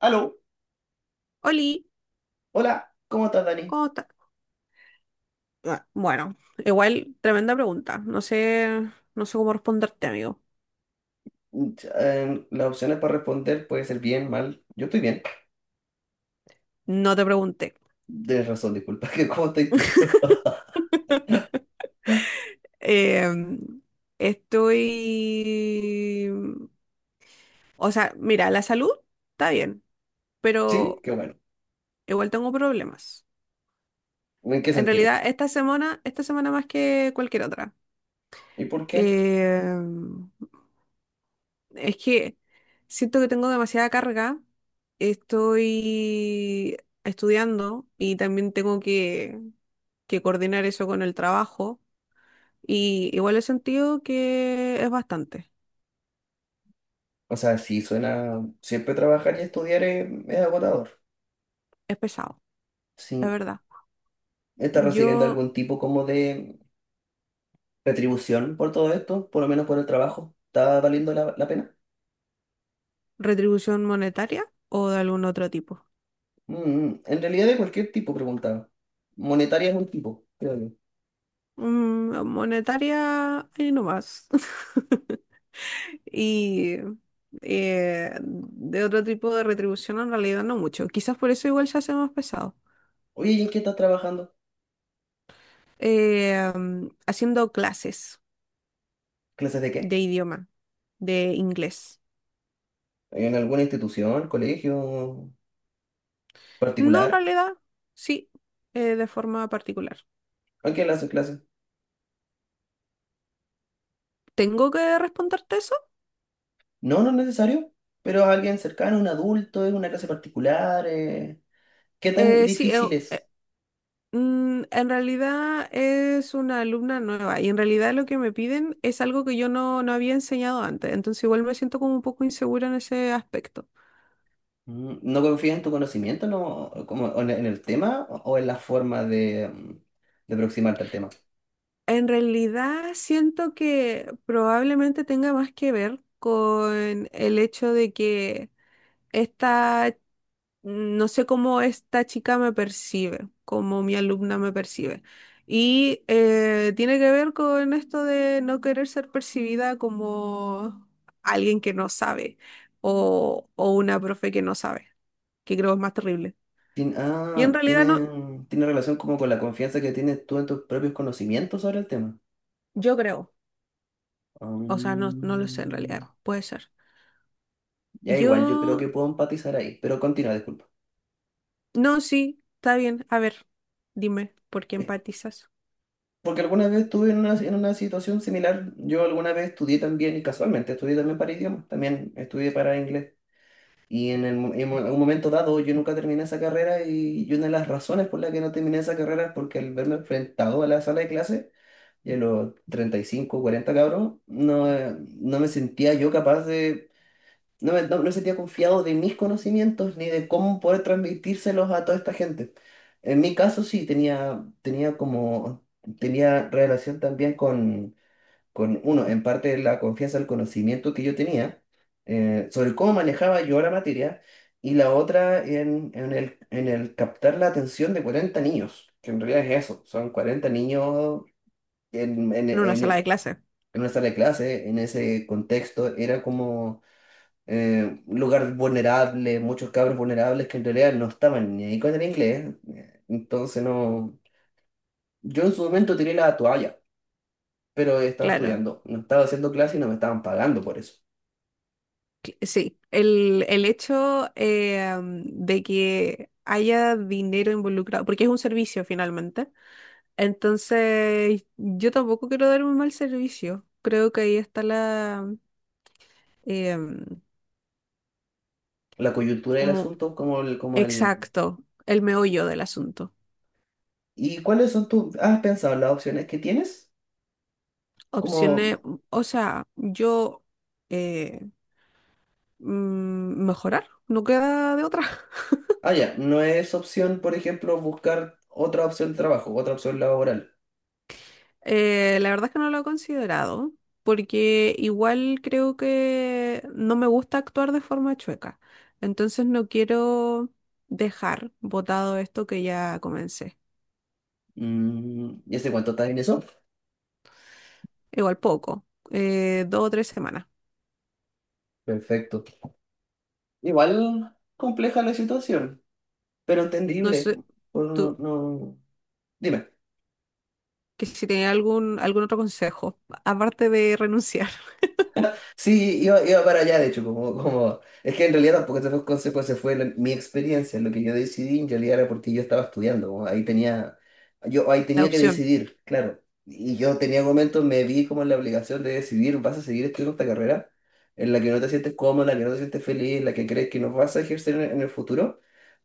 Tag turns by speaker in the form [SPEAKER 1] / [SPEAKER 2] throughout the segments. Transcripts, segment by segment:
[SPEAKER 1] Aló,
[SPEAKER 2] Oli,
[SPEAKER 1] hola, ¿cómo estás, Dani?
[SPEAKER 2] cómo ta- bueno, igual tremenda pregunta. No sé, no sé cómo responderte, amigo.
[SPEAKER 1] Las opciones para responder puede ser bien, mal. Yo estoy bien.
[SPEAKER 2] No te pregunté.
[SPEAKER 1] Tienes razón, disculpa. ¿Qué, cómo estás tú?
[SPEAKER 2] Em, estoy... O sea, mira, la salud está bien,
[SPEAKER 1] Sí,
[SPEAKER 2] pero
[SPEAKER 1] qué bueno.
[SPEAKER 2] igual tengo problemas.
[SPEAKER 1] ¿En qué
[SPEAKER 2] En
[SPEAKER 1] sentido?
[SPEAKER 2] realidad, esta semana más que cualquier otra.
[SPEAKER 1] ¿Y por qué?
[SPEAKER 2] Em, Es que siento que tengo demasiada carga. Estoy estudiando y también tengo que coordinar eso con el trabajo. Y igual he sentido que es bastante,
[SPEAKER 1] O sea, sí, suena... Siempre trabajar y estudiar es agotador.
[SPEAKER 2] es pesado, es
[SPEAKER 1] Sí.
[SPEAKER 2] verdad.
[SPEAKER 1] ¿Estás recibiendo
[SPEAKER 2] Yo,
[SPEAKER 1] algún tipo como de retribución por todo esto? Por lo menos por el trabajo. ¿Está valiendo la pena?
[SPEAKER 2] retribución monetaria o de algún otro tipo.
[SPEAKER 1] Mm, mm. En realidad de cualquier tipo, preguntaba. Monetaria es un tipo, creo yo.
[SPEAKER 2] Mm, monetaria, ahí nomás. Y de otro tipo de retribución en realidad no mucho. Quizás por eso igual se hace más pesado.
[SPEAKER 1] Oye, ¿y en qué estás trabajando?
[SPEAKER 2] Haciendo clases
[SPEAKER 1] ¿Clases de qué?
[SPEAKER 2] de idioma, de inglés.
[SPEAKER 1] ¿En alguna institución, colegio
[SPEAKER 2] No, en
[SPEAKER 1] particular?
[SPEAKER 2] realidad, sí, de forma particular.
[SPEAKER 1] ¿A quién le hacen clases?
[SPEAKER 2] ¿Tengo que responderte eso?
[SPEAKER 1] No, no es necesario, pero a alguien cercano, un adulto, es una clase particular. ¿Qué tan
[SPEAKER 2] Sí,
[SPEAKER 1] difícil
[SPEAKER 2] eh,
[SPEAKER 1] es?
[SPEAKER 2] en realidad es una alumna nueva y en realidad lo que me piden es algo que yo no había enseñado antes, entonces igual me siento como un poco insegura en ese aspecto.
[SPEAKER 1] ¿No confías en tu conocimiento, no, como o en el tema o en la forma de, de aproximarte al tema?
[SPEAKER 2] En realidad siento que probablemente tenga más que ver con el hecho de que esta no sé cómo esta chica me percibe, cómo mi alumna me percibe. Y tiene que ver con esto de no querer ser percibida como alguien que no sabe o una profe que no sabe, que creo es más terrible.
[SPEAKER 1] Tien-
[SPEAKER 2] Y en
[SPEAKER 1] ah,
[SPEAKER 2] realidad no,
[SPEAKER 1] tiene, tiene relación como con la confianza que tienes tú en tus propios conocimientos sobre el tema.
[SPEAKER 2] yo creo, o sea, no, no lo sé en
[SPEAKER 1] Mm,
[SPEAKER 2] realidad, puede ser.
[SPEAKER 1] ya igual, yo creo que
[SPEAKER 2] Yo,
[SPEAKER 1] puedo empatizar ahí, pero continúa, disculpa.
[SPEAKER 2] no, sí, está bien. A ver, dime, ¿por qué empatizas?
[SPEAKER 1] Porque alguna vez estuve en una situación similar. Yo alguna vez estudié también, y casualmente estudié también para idiomas, también estudié para inglés. Y en, el mo- en mo- un momento dado yo nunca terminé esa carrera y, una de las razones por la que no terminé esa carrera es porque al verme enfrentado a la sala de clase, y a los 35 40 cabros, no, no me sentía yo capaz de, no me, no, no sentía confiado de mis conocimientos ni de cómo poder transmitírselos a toda esta gente. En mi caso sí, tenía como, tenía relación también con uno, en parte la confianza, el conocimiento que yo tenía sobre cómo manejaba yo la materia y la otra en, en el captar la atención de 40 niños, que en realidad es eso, son 40 niños en, en,
[SPEAKER 2] En una
[SPEAKER 1] en
[SPEAKER 2] sala de clase,
[SPEAKER 1] en una sala de clase, en ese contexto, era como un lugar vulnerable, muchos cabros vulnerables que en realidad no estaban ni ahí con el inglés. Entonces no... Yo en su momento tiré la toalla, pero estaba
[SPEAKER 2] claro.
[SPEAKER 1] estudiando, no estaba haciendo clase y no me estaban pagando por eso.
[SPEAKER 2] Sí, el hecho de que haya dinero involucrado, porque es un servicio finalmente, entonces yo tampoco quiero dar un mal servicio. Creo que ahí está la, am,
[SPEAKER 1] La coyuntura del
[SPEAKER 2] como
[SPEAKER 1] asunto, como el...
[SPEAKER 2] exacto, el meollo del asunto.
[SPEAKER 1] ¿Y cuáles son tus... ¿Has pensado en las opciones que tienes? Como,
[SPEAKER 2] Opciones, o sea, eh, mejorar, no queda de otra.
[SPEAKER 1] ya, no es opción, por ejemplo, buscar otra opción de trabajo, otra opción laboral.
[SPEAKER 2] La verdad es que no lo he considerado, porque igual creo que no me gusta actuar de forma chueca. Entonces no quiero dejar botado esto que ya comencé.
[SPEAKER 1] ¿Y ese cuánto está en eso?
[SPEAKER 2] Igual poco, dos o tres semanas.
[SPEAKER 1] Perfecto. Igual compleja la situación, pero
[SPEAKER 2] No
[SPEAKER 1] entendible.
[SPEAKER 2] sé,
[SPEAKER 1] Uno no,
[SPEAKER 2] tú,
[SPEAKER 1] no- Dime.
[SPEAKER 2] que si tenía algún otro consejo, aparte de renunciar.
[SPEAKER 1] Sí, iba para allá, de hecho, como, Es que en realidad tampoco esa fue consecuencia, fue la- mi experiencia. Lo que yo decidí en realidad era porque yo estaba estudiando. Como ahí tenía... Yo ahí
[SPEAKER 2] La
[SPEAKER 1] tenía que
[SPEAKER 2] opción.
[SPEAKER 1] decidir, claro. Y yo tenía momentos, me vi como en la obligación de decidir, ¿vas a seguir estudiando esta carrera? En la que no te sientes cómodo, en la que no te sientes feliz, en la que crees que no vas a ejercer en el futuro.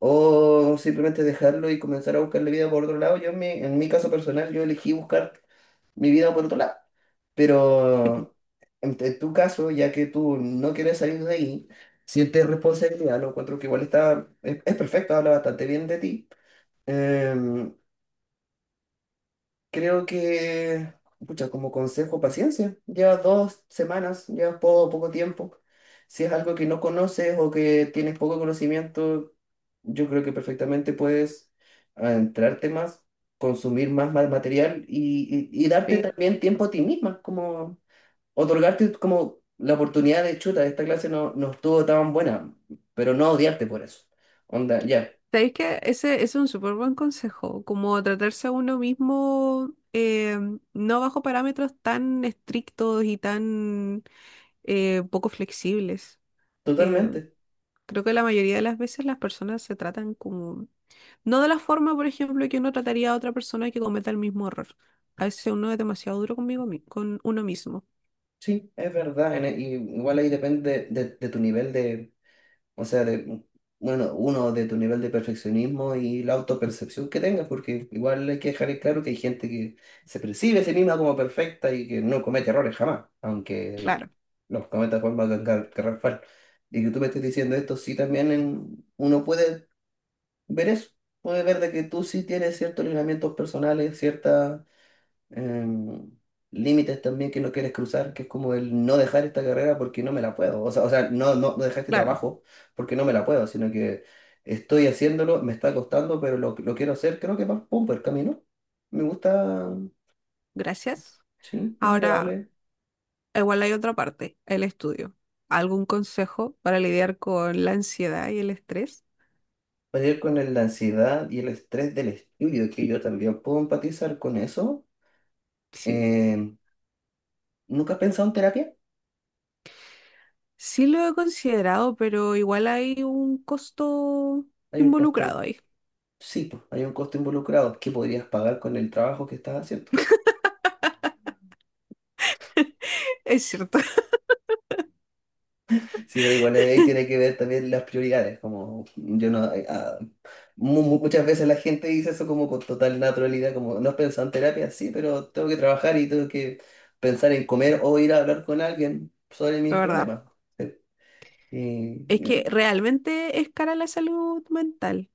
[SPEAKER 1] O simplemente dejarlo y comenzar a buscarle vida por otro lado. Yo en mi caso personal, yo elegí buscar mi vida por otro lado.
[SPEAKER 2] Tipo,
[SPEAKER 1] Pero en, tu caso, ya que tú no quieres salir de ahí, sientes responsabilidad, lo encuentro que igual está, es perfecto, habla bastante bien de ti. Em, Creo que, pucha, como consejo, paciencia. Llevas 2 semanas, llevas poco, poco tiempo. Si es algo que no conoces o que tienes poco conocimiento, yo creo que perfectamente puedes adentrarte más, consumir más, más material y darte
[SPEAKER 2] sí,
[SPEAKER 1] también tiempo a ti misma, como otorgarte como la oportunidad de chuta, esta clase no, no estuvo tan buena, pero no odiarte por eso. Onda, ya,
[SPEAKER 2] ¿sabéis que ese es un súper buen consejo? Como tratarse a uno mismo, no bajo parámetros tan estrictos y tan poco flexibles. Eh,
[SPEAKER 1] totalmente.
[SPEAKER 2] Creo que la mayoría de las veces las personas se tratan como... No de la forma, por ejemplo, que uno trataría a otra persona que cometa el mismo error. A veces uno es demasiado duro conmigo, con uno mismo.
[SPEAKER 1] Sí, es verdad. En e- y Igual ahí depende de tu nivel de, o sea, de, bueno, uno, de tu nivel de perfeccionismo y la autopercepción que tengas, porque igual hay que dejar en claro que hay gente que se percibe a sí misma como perfecta y que no comete errores jamás, aunque
[SPEAKER 2] Claro,
[SPEAKER 1] los cometa de forma garrafal. Y que tú me estés diciendo esto, sí, también uno puede ver eso, puede ver de que tú sí tienes ciertos lineamientos personales, ciertas em, límites también que no quieres cruzar, que es como el no dejar esta carrera porque no me la puedo. O sea, no, no, no dejar este
[SPEAKER 2] claro.
[SPEAKER 1] trabajo porque no me la puedo, sino que estoy haciéndolo, me está costando, pero lo quiero hacer. Creo que va, pum, por el camino. Me gusta,
[SPEAKER 2] Gracias.
[SPEAKER 1] sí, es
[SPEAKER 2] Ahora,
[SPEAKER 1] agradable.
[SPEAKER 2] igual hay otra parte, el estudio. ¿Algún consejo para lidiar con la ansiedad y el estrés?
[SPEAKER 1] Pelear con la ansiedad y el estrés del estudio, que yo también puedo empatizar con eso.
[SPEAKER 2] Sí,
[SPEAKER 1] Em, ¿nunca has pensado en terapia?
[SPEAKER 2] sí lo he considerado, pero igual hay un costo
[SPEAKER 1] Hay un
[SPEAKER 2] involucrado
[SPEAKER 1] costo,
[SPEAKER 2] ahí.
[SPEAKER 1] sí, pues, hay un costo involucrado que podrías pagar con el trabajo que estás haciendo.
[SPEAKER 2] Es cierto,
[SPEAKER 1] Sí, pero igual ahí tiene que ver también las prioridades, como yo no... muchas veces la gente dice eso como con total naturalidad, como no has pensado en terapia, sí, pero tengo que trabajar y tengo que pensar en comer o ir a hablar con alguien sobre mis
[SPEAKER 2] la verdad.
[SPEAKER 1] problemas. Sí.
[SPEAKER 2] Es que
[SPEAKER 1] Y
[SPEAKER 2] realmente es cara la salud mental.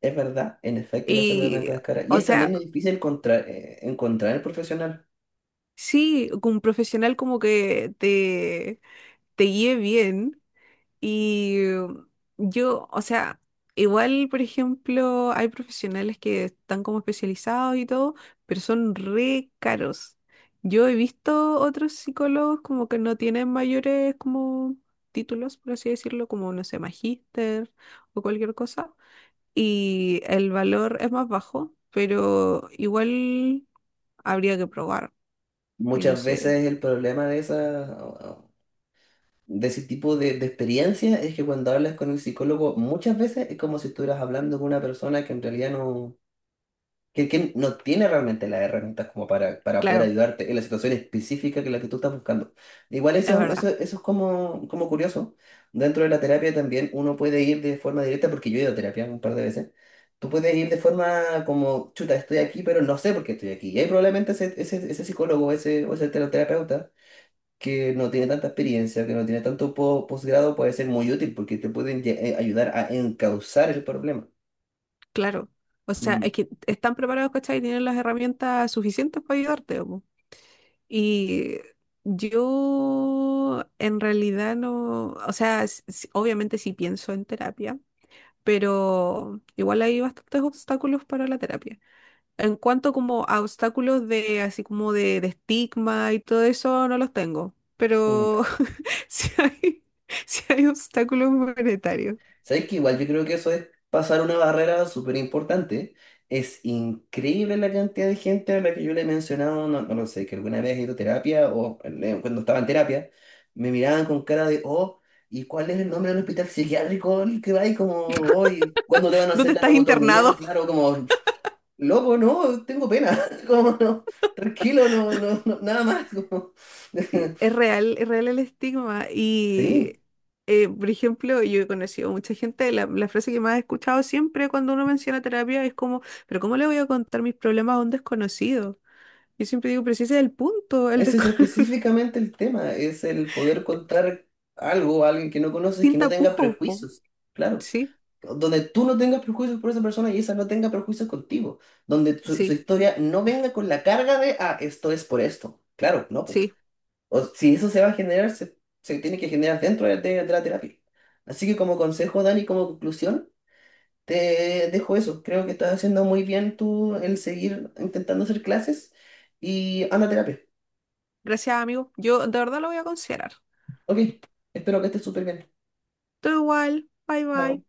[SPEAKER 1] es verdad, en efecto la salud
[SPEAKER 2] Y,
[SPEAKER 1] mental es cara. Y
[SPEAKER 2] o
[SPEAKER 1] es también
[SPEAKER 2] sea,
[SPEAKER 1] difícil encontrar, encontrar el profesional.
[SPEAKER 2] sí, que un profesional como que te guíe bien. Y yo, o sea, igual, por ejemplo, hay profesionales que están como especializados y todo, pero son re caros. Yo he visto otros psicólogos como que no tienen mayores como títulos, por así decirlo, como, no sé, magíster o cualquier cosa, y el valor es más bajo, pero igual habría que probar, y no
[SPEAKER 1] Muchas
[SPEAKER 2] sé,
[SPEAKER 1] veces el problema de esas de ese tipo de, experiencias es que cuando hablas con el psicólogo, muchas veces es como si estuvieras hablando con una persona que en realidad no, que no tiene realmente las herramientas como para poder
[SPEAKER 2] claro,
[SPEAKER 1] ayudarte en la situación específica que la que tú estás buscando. Igual
[SPEAKER 2] es
[SPEAKER 1] eso, eso,
[SPEAKER 2] verdad.
[SPEAKER 1] eso es como, curioso. Dentro de la terapia también uno puede ir de forma directa, porque yo he ido a terapia un par de veces. Tú puedes ir de forma como, chuta, estoy aquí, pero no sé por qué estoy aquí. Y ahí probablemente ese psicólogo ese, o ese terapeuta que no tiene tanta experiencia, que no tiene tanto posgrado, puede ser muy útil porque te pueden ayudar a encauzar el problema.
[SPEAKER 2] Claro, o sea,
[SPEAKER 1] Mm,
[SPEAKER 2] es que están preparados, ¿cachai? Y tienen las herramientas suficientes para ayudarte, po. Y yo en realidad no, o sea, obviamente sí pienso en terapia, pero igual hay bastantes obstáculos para la terapia. En cuanto como a obstáculos de así como de estigma y todo eso, no los tengo, pero
[SPEAKER 1] mm.
[SPEAKER 2] si hay, si hay obstáculos monetarios.
[SPEAKER 1] ¿Sabes qué? Igual yo creo que eso es pasar una barrera súper importante. Es increíble la cantidad de gente a la que yo le he mencionado, no, no lo sé, que alguna vez he ido a terapia o cuando estaba en terapia, me miraban con cara de, oh, ¿y cuál es el nombre del hospital psiquiátrico al que va? Y como, hoy, ¿cuándo te van a hacer
[SPEAKER 2] ¿Dónde
[SPEAKER 1] la
[SPEAKER 2] estás
[SPEAKER 1] lobotomía?
[SPEAKER 2] internado?
[SPEAKER 1] Claro, como loco, no, tengo pena. Como no, tranquilo, no, no, no, nada más.
[SPEAKER 2] Sí, es real el estigma.
[SPEAKER 1] Sí,
[SPEAKER 2] Y, por ejemplo, yo he conocido mucha gente, la frase que más he escuchado siempre cuando uno menciona terapia es como, pero ¿cómo le voy a contar mis problemas a un desconocido? Yo siempre digo, pero si ese es el punto, el
[SPEAKER 1] ese es
[SPEAKER 2] desconocido,
[SPEAKER 1] específicamente el tema, es el poder contar algo a alguien que no conoces
[SPEAKER 2] sin
[SPEAKER 1] que no tenga
[SPEAKER 2] tapujos, po".
[SPEAKER 1] prejuicios. Claro,
[SPEAKER 2] Sí,
[SPEAKER 1] donde tú no tengas prejuicios por esa persona y esa no tenga prejuicios contigo, donde su
[SPEAKER 2] sí,
[SPEAKER 1] historia no venga con la carga de, ah, esto es por esto. Claro, no, pues.
[SPEAKER 2] sí.
[SPEAKER 1] O, si eso se va a generar, se tiene que generar dentro de, de la terapia. Así que como consejo, Dani, como conclusión. Te dejo eso. Creo que estás haciendo muy bien tú el seguir intentando hacer clases y anda a terapia.
[SPEAKER 2] Gracias, amigo. Yo de verdad lo voy a considerar.
[SPEAKER 1] Ok, espero que estés súper bien.
[SPEAKER 2] Todo igual. Bye,
[SPEAKER 1] Chao.
[SPEAKER 2] bye.